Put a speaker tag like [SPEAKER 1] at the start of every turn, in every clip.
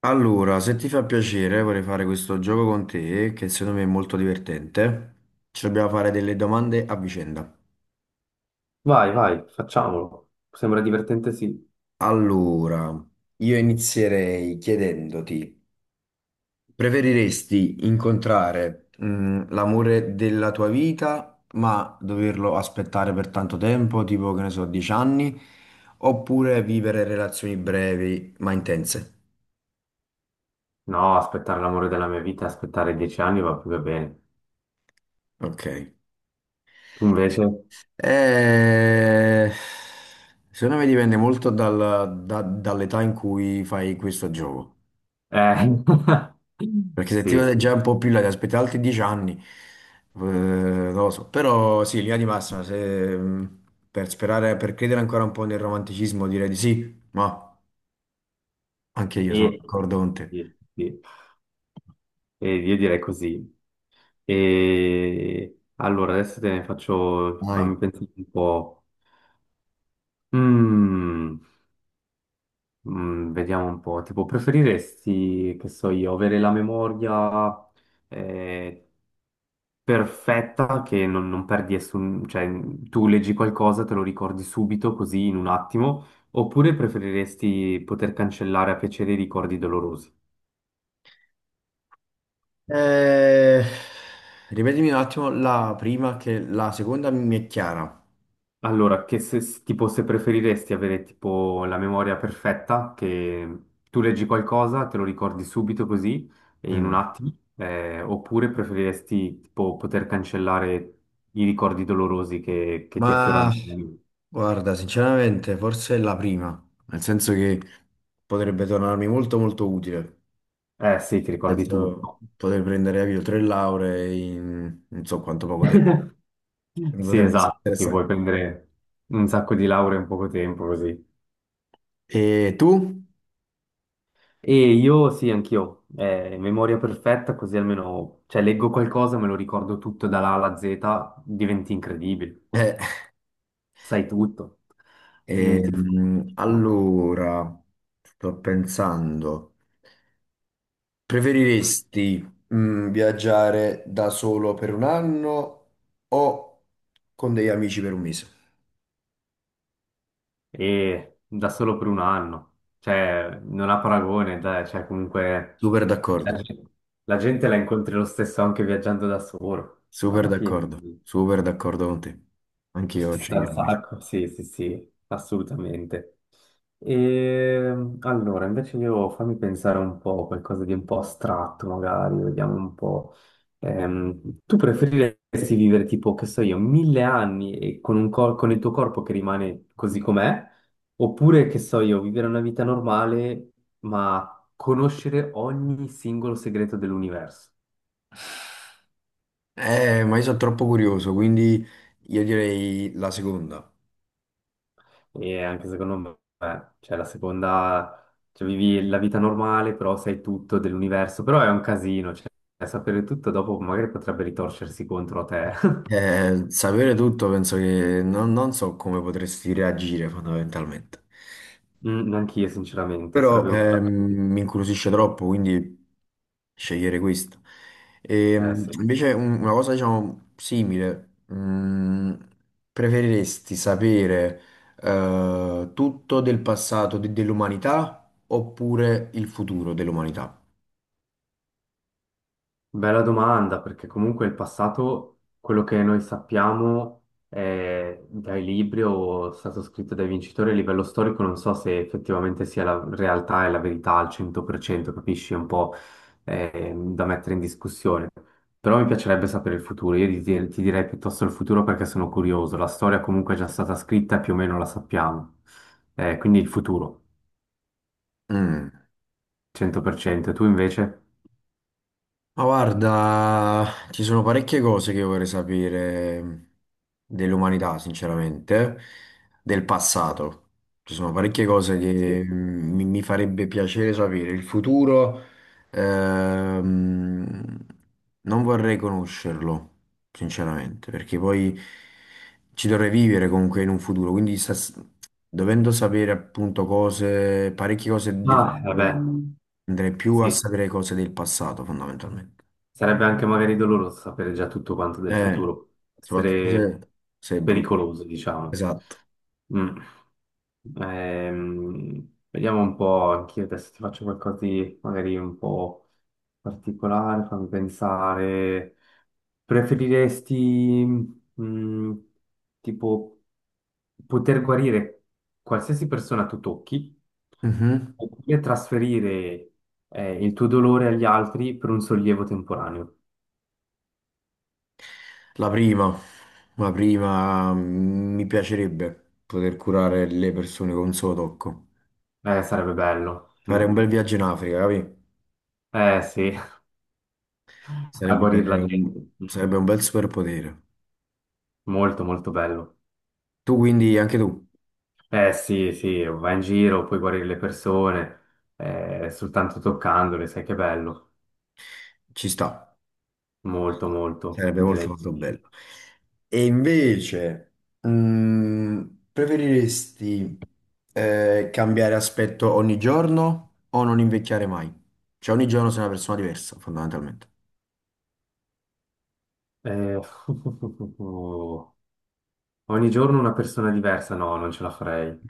[SPEAKER 1] Allora, se ti fa piacere, vorrei fare questo gioco con te, che secondo me è molto divertente. Ci dobbiamo fare delle domande a vicenda.
[SPEAKER 2] Vai, vai, facciamolo. Sembra divertente, sì.
[SPEAKER 1] Allora, io inizierei chiedendoti, preferiresti incontrare, l'amore della tua vita, ma doverlo aspettare per tanto tempo, tipo, che ne so, 10 anni, oppure vivere relazioni brevi ma intense?
[SPEAKER 2] No, aspettare l'amore della mia vita, aspettare dieci anni va più che bene.
[SPEAKER 1] Ok.
[SPEAKER 2] Tu invece?
[SPEAKER 1] Eh, secondo me dipende molto dall'età in cui fai questo gioco.
[SPEAKER 2] Eh,
[SPEAKER 1] Perché se ti
[SPEAKER 2] sì,
[SPEAKER 1] vede già
[SPEAKER 2] sì.
[SPEAKER 1] un po' più in là, ti aspetti altri 10 anni, non lo so. Però sì, in linea di massima, se, mh, per sperare, per credere ancora un po' nel romanticismo, direi di sì, ma anche io sono
[SPEAKER 2] E-
[SPEAKER 1] d'accordo con te.
[SPEAKER 2] sì, sì. E io direi così. E allora adesso te ne faccio,
[SPEAKER 1] Dai.
[SPEAKER 2] fammi pensare un po'. Mm, vediamo un po'. Tipo, preferiresti, che so io, avere la memoria, eh, perfetta che non perdi nessun, cioè tu leggi qualcosa, te lo ricordi subito, così in un attimo, oppure preferiresti poter cancellare a piacere i ricordi dolorosi?
[SPEAKER 1] Eh, ripetimi un attimo la prima, che la seconda mi è chiara.
[SPEAKER 2] Allora, che se, tipo se preferiresti avere tipo la memoria perfetta, che tu leggi qualcosa, te lo ricordi subito così, e in un
[SPEAKER 1] Mm.
[SPEAKER 2] attimo, oppure preferiresti tipo poter cancellare i ricordi dolorosi che ti
[SPEAKER 1] Ma
[SPEAKER 2] affiorano?
[SPEAKER 1] guarda, sinceramente, forse è la prima, nel senso che potrebbe tornarmi molto molto utile.
[SPEAKER 2] Eh sì, ti ricordi
[SPEAKER 1] Penso
[SPEAKER 2] tutto.
[SPEAKER 1] poter prendere avvio tre lauree in non so quanto poco tempo. Mi
[SPEAKER 2] Sì,
[SPEAKER 1] potrebbe essere
[SPEAKER 2] esatto, ti
[SPEAKER 1] interessante.
[SPEAKER 2] puoi prendere un sacco di lauree in poco tempo così.
[SPEAKER 1] E tu?
[SPEAKER 2] E io sì, anch'io, memoria perfetta, così almeno, cioè, leggo qualcosa, me lo ricordo tutto dalla A alla Z, diventi incredibile,
[SPEAKER 1] Eh,
[SPEAKER 2] sai tutto, diventi fortissimo.
[SPEAKER 1] allora, sto pensando, preferiresti viaggiare da solo per un anno o con degli amici per un mese?
[SPEAKER 2] E da solo per un anno, cioè, non ha paragone, dai, cioè, comunque,
[SPEAKER 1] Super
[SPEAKER 2] la,
[SPEAKER 1] d'accordo.
[SPEAKER 2] gen- la gente la incontri lo stesso anche viaggiando da solo,
[SPEAKER 1] Super
[SPEAKER 2] alla fine.
[SPEAKER 1] d'accordo, super d'accordo con te. Anche io
[SPEAKER 2] Ci sta un
[SPEAKER 1] sceglierei questo.
[SPEAKER 2] sacco, sì, sì, sì, assolutamente. E allora, invece io fammi pensare un po', qualcosa di un po' astratto magari, vediamo un po'. Tu preferiresti vivere tipo, che so io, mille anni e con il tuo corpo che rimane così com'è, oppure, che so io, vivere una vita normale ma conoscere ogni singolo segreto dell'universo?
[SPEAKER 1] Ma io sono troppo curioso, quindi io direi la seconda.
[SPEAKER 2] E anche secondo me, cioè la seconda, cioè vivi la vita normale, però sai tutto dell'universo, però è un casino, cioè sapere tutto dopo magari potrebbe ritorcersi contro a te.
[SPEAKER 1] Sapere tutto penso che non so come potresti reagire fondamentalmente.
[SPEAKER 2] Anch'io, sinceramente,
[SPEAKER 1] Però
[SPEAKER 2] sarebbe
[SPEAKER 1] mi incuriosisce troppo, quindi scegliere questo.
[SPEAKER 2] Sì.
[SPEAKER 1] Invece una cosa, diciamo, simile, preferiresti sapere tutto del passato dell'umanità oppure il futuro dell'umanità?
[SPEAKER 2] Bella domanda, perché comunque il passato, quello che noi sappiamo è dai libri o è stato scritto dai vincitori a livello storico, non so se effettivamente sia la realtà e la verità al 100%, capisci? È un po' da mettere in discussione. Però mi piacerebbe sapere il futuro, io ti direi piuttosto il futuro perché sono curioso, la storia comunque è già stata scritta e più o meno la sappiamo. Quindi il futuro,
[SPEAKER 1] Mm.
[SPEAKER 2] 100%, tu invece?
[SPEAKER 1] Ma guarda, ci sono parecchie cose che vorrei sapere dell'umanità, sinceramente, del passato. Ci sono parecchie cose
[SPEAKER 2] Sì.
[SPEAKER 1] che mi farebbe piacere sapere. Il futuro, ehm, non vorrei conoscerlo, sinceramente, perché poi ci dovrei vivere comunque in un futuro. Quindi, dovendo sapere appunto cose, parecchie cose del
[SPEAKER 2] Ah, vabbè,
[SPEAKER 1] futuro, andrei più a
[SPEAKER 2] Sì.
[SPEAKER 1] sapere cose del passato fondamentalmente.
[SPEAKER 2] Sarebbe anche magari doloroso sapere già tutto quanto del
[SPEAKER 1] Eh,
[SPEAKER 2] futuro,
[SPEAKER 1] soprattutto
[SPEAKER 2] essere
[SPEAKER 1] se è brutto.
[SPEAKER 2] pericoloso, diciamo.
[SPEAKER 1] Esatto.
[SPEAKER 2] Mm. Vediamo un po', anch'io adesso ti faccio qualcosa di magari un po' particolare, fammi pensare. Preferiresti, mm, tipo, poter guarire qualsiasi persona tu tocchi
[SPEAKER 1] Mhm.
[SPEAKER 2] oppure trasferire, il tuo dolore agli altri per un sollievo temporaneo?
[SPEAKER 1] La prima, la prima mi piacerebbe poter curare le persone con un solo tocco.
[SPEAKER 2] Sarebbe bello.
[SPEAKER 1] Fare
[SPEAKER 2] Mm.
[SPEAKER 1] un bel viaggio in Africa, capi?
[SPEAKER 2] Eh sì, a
[SPEAKER 1] Sarebbe
[SPEAKER 2] guarire la gente.
[SPEAKER 1] un,
[SPEAKER 2] Mm.
[SPEAKER 1] sarebbe un bel superpotere.
[SPEAKER 2] Molto, molto bello.
[SPEAKER 1] Tu quindi, anche tu,
[SPEAKER 2] Eh sì, sì, vai in giro, puoi guarire le persone, soltanto toccandole, sai che bello.
[SPEAKER 1] ci sta.
[SPEAKER 2] Molto, molto,
[SPEAKER 1] Sarebbe molto
[SPEAKER 2] direi.
[SPEAKER 1] molto bello. E invece, mm, preferiresti cambiare aspetto ogni giorno o non invecchiare mai? Cioè ogni giorno sei una persona diversa, fondamentalmente.
[SPEAKER 2] Eh, ogni giorno una persona diversa, no, non ce la farei.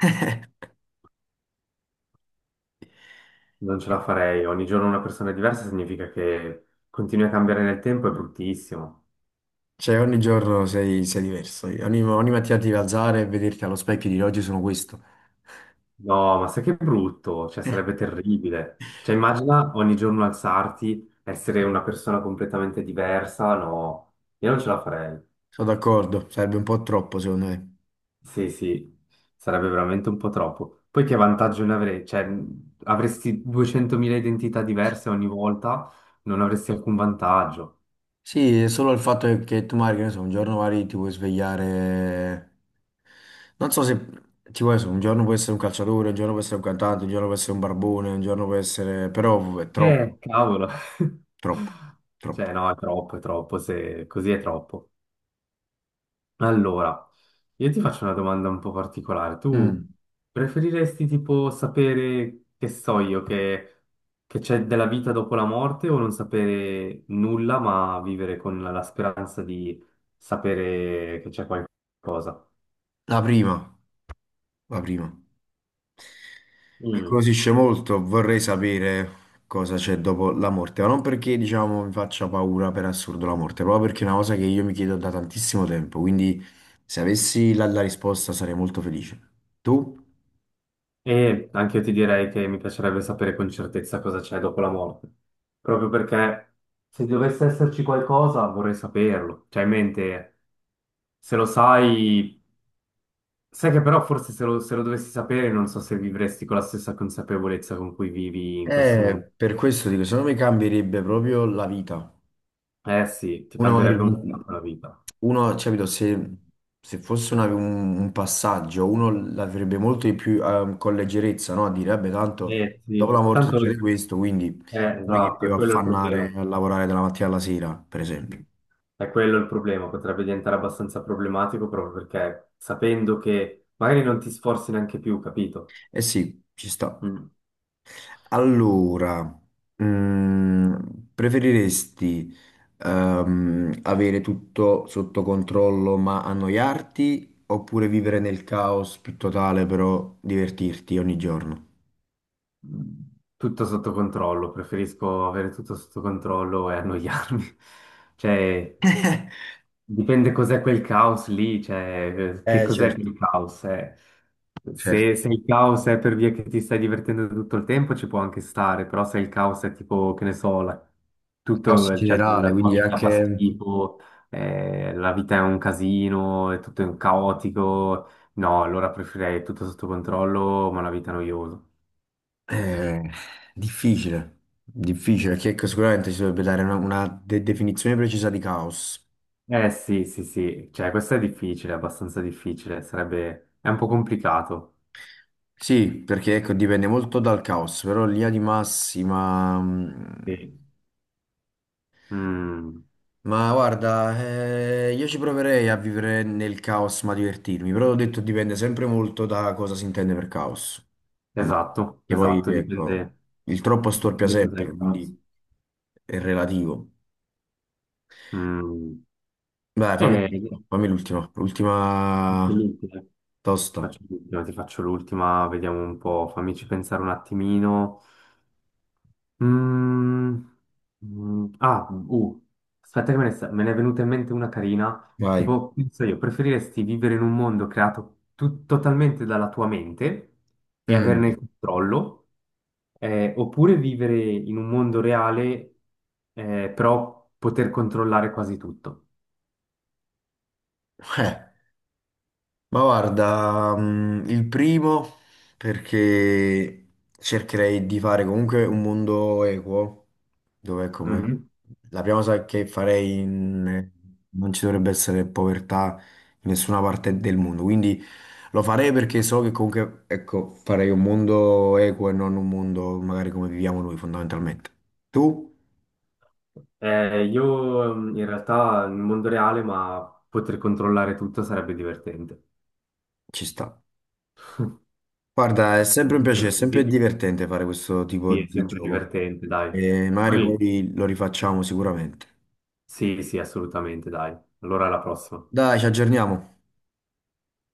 [SPEAKER 2] Non ce la farei. Ogni giorno una persona diversa significa che continui a cambiare nel tempo, è bruttissimo.
[SPEAKER 1] Cioè ogni giorno sei diverso. Ogni mattina ti devi alzare e vederti allo specchio e dire oggi sono questo.
[SPEAKER 2] No, ma sai che brutto, cioè sarebbe terribile. Cioè immagina ogni giorno alzarti, essere una persona completamente diversa, no, io non ce la farei.
[SPEAKER 1] Sono d'accordo, sarebbe un po' troppo secondo me.
[SPEAKER 2] Sì, sì, sarebbe veramente un po' troppo. Poi che vantaggio ne avrei? Cioè avresti 200.000 identità diverse ogni volta, non avresti alcun vantaggio.
[SPEAKER 1] Sì, è solo il fatto è che tu magari, che ne so, un giorno magari ti puoi svegliare, non so se ti puoi, essere, un giorno puoi essere un calciatore, un giorno puoi essere un cantante, un giorno puoi essere un barbone, un giorno puoi essere, però è troppo,
[SPEAKER 2] Cavolo.
[SPEAKER 1] troppo, troppo.
[SPEAKER 2] Cioè no, è troppo, se così è troppo. Allora, io ti faccio una domanda un po' particolare.
[SPEAKER 1] Mm.
[SPEAKER 2] Tu preferiresti tipo sapere, che so io, che c'è della vita dopo la morte o non sapere nulla, ma vivere con la speranza di sapere che c'è qualcosa?
[SPEAKER 1] La prima, la prima. Mi
[SPEAKER 2] Mm.
[SPEAKER 1] incuriosisce molto, vorrei sapere cosa c'è dopo la morte, ma non perché, diciamo, mi faccia paura per assurdo la morte, proprio perché è una cosa che io mi chiedo da tantissimo tempo, quindi se avessi la, la risposta sarei molto felice. Tu?
[SPEAKER 2] E anche io ti direi che mi piacerebbe sapere con certezza cosa c'è dopo la morte, proprio perché se dovesse esserci qualcosa vorrei saperlo. Cioè, in mente, se lo sai. Sai che però forse se lo dovessi sapere non so se vivresti con la stessa consapevolezza con cui vivi in questo momento.
[SPEAKER 1] Per questo dico, secondo me cambierebbe proprio la vita.
[SPEAKER 2] Eh sì, ti
[SPEAKER 1] Uno,
[SPEAKER 2] cambierebbe un po' la vita.
[SPEAKER 1] cioè, capito, se, se fosse un passaggio, uno l'avrebbe molto di più con leggerezza, no? A dire, vabbè, tanto
[SPEAKER 2] Eh
[SPEAKER 1] dopo la
[SPEAKER 2] sì,
[SPEAKER 1] morte
[SPEAKER 2] tanto
[SPEAKER 1] succede questo, quindi non è che mi
[SPEAKER 2] esatto, è
[SPEAKER 1] devo
[SPEAKER 2] quello il problema.
[SPEAKER 1] affannare a lavorare dalla mattina alla sera, per esempio.
[SPEAKER 2] È quello il problema, potrebbe diventare abbastanza problematico proprio perché sapendo che magari non ti sforzi neanche più, capito?
[SPEAKER 1] Eh sì, ci sta.
[SPEAKER 2] Mm.
[SPEAKER 1] Allora, mm, preferiresti avere tutto sotto controllo ma annoiarti oppure vivere nel caos più totale però divertirti ogni giorno?
[SPEAKER 2] Tutto sotto controllo, preferisco avere tutto sotto controllo e annoiarmi. Cioè, dipende cos'è quel caos lì, cioè che cos'è
[SPEAKER 1] Certo,
[SPEAKER 2] quel caos, eh.
[SPEAKER 1] certo.
[SPEAKER 2] Se, se il caos è per via che ti stai divertendo tutto il tempo ci può anche stare, però se il caos è tipo, che ne so,
[SPEAKER 1] Caos in
[SPEAKER 2] tutto, cioè,
[SPEAKER 1] generale,
[SPEAKER 2] la tua
[SPEAKER 1] quindi è
[SPEAKER 2] vita fa
[SPEAKER 1] anche
[SPEAKER 2] schifo, la vita è un casino, è tutto un caotico, no, allora preferirei tutto sotto controllo, ma una vita noiosa.
[SPEAKER 1] eh, difficile, difficile, perché ecco, sicuramente si dovrebbe dare una definizione precisa di caos.
[SPEAKER 2] Eh sì, sì, sì, cioè questo è difficile, abbastanza difficile, sarebbe, è un po' complicato.
[SPEAKER 1] Sì, perché ecco, dipende molto dal caos, però in linea di massima
[SPEAKER 2] Sì. Mm.
[SPEAKER 1] ma guarda, io ci proverei a vivere nel caos ma divertirmi, però ho detto dipende sempre molto da cosa si intende per caos. Quando-
[SPEAKER 2] Esatto,
[SPEAKER 1] Che poi,
[SPEAKER 2] esatto,
[SPEAKER 1] ecco, il troppo storpia
[SPEAKER 2] dipende da cosa è
[SPEAKER 1] sempre,
[SPEAKER 2] il caso.
[SPEAKER 1] quindi è relativo.
[SPEAKER 2] Mm.
[SPEAKER 1] Dai,
[SPEAKER 2] E
[SPEAKER 1] fammi l'ultima,
[SPEAKER 2] faccio
[SPEAKER 1] l'ultima
[SPEAKER 2] l'ultima,
[SPEAKER 1] tosta.
[SPEAKER 2] faccio l'ultima, ti faccio l'ultima, vediamo un po', fammici pensare un attimino. Mm, mm, ah, uh, aspetta che me ne è venuta in mente una carina.
[SPEAKER 1] Vai.
[SPEAKER 2] Tipo, penso io, preferiresti vivere in un mondo creato totalmente dalla tua mente e
[SPEAKER 1] Mm.
[SPEAKER 2] averne il controllo, oppure vivere in un mondo reale, però poter controllare quasi tutto?
[SPEAKER 1] Eh. Ma guarda, il primo perché cercherei di fare comunque un mondo equo, dove come
[SPEAKER 2] Mhm.
[SPEAKER 1] la prima cosa che farei non ci dovrebbe essere povertà in nessuna parte del mondo, quindi lo farei perché so che comunque, ecco, farei un mondo equo e non un mondo magari come viviamo noi fondamentalmente. Tu?
[SPEAKER 2] Io in realtà nel mondo reale, ma poter controllare tutto sarebbe divertente.
[SPEAKER 1] Ci sta. Guarda, è sempre un piacere, è sempre
[SPEAKER 2] Così
[SPEAKER 1] divertente fare questo tipo
[SPEAKER 2] sì, è
[SPEAKER 1] di
[SPEAKER 2] sempre
[SPEAKER 1] gioco.
[SPEAKER 2] divertente, dai.
[SPEAKER 1] E magari
[SPEAKER 2] Poi,
[SPEAKER 1] poi lo rifacciamo sicuramente.
[SPEAKER 2] sì, sì, assolutamente, dai. Allora alla prossima.
[SPEAKER 1] Dai, ci aggiorniamo.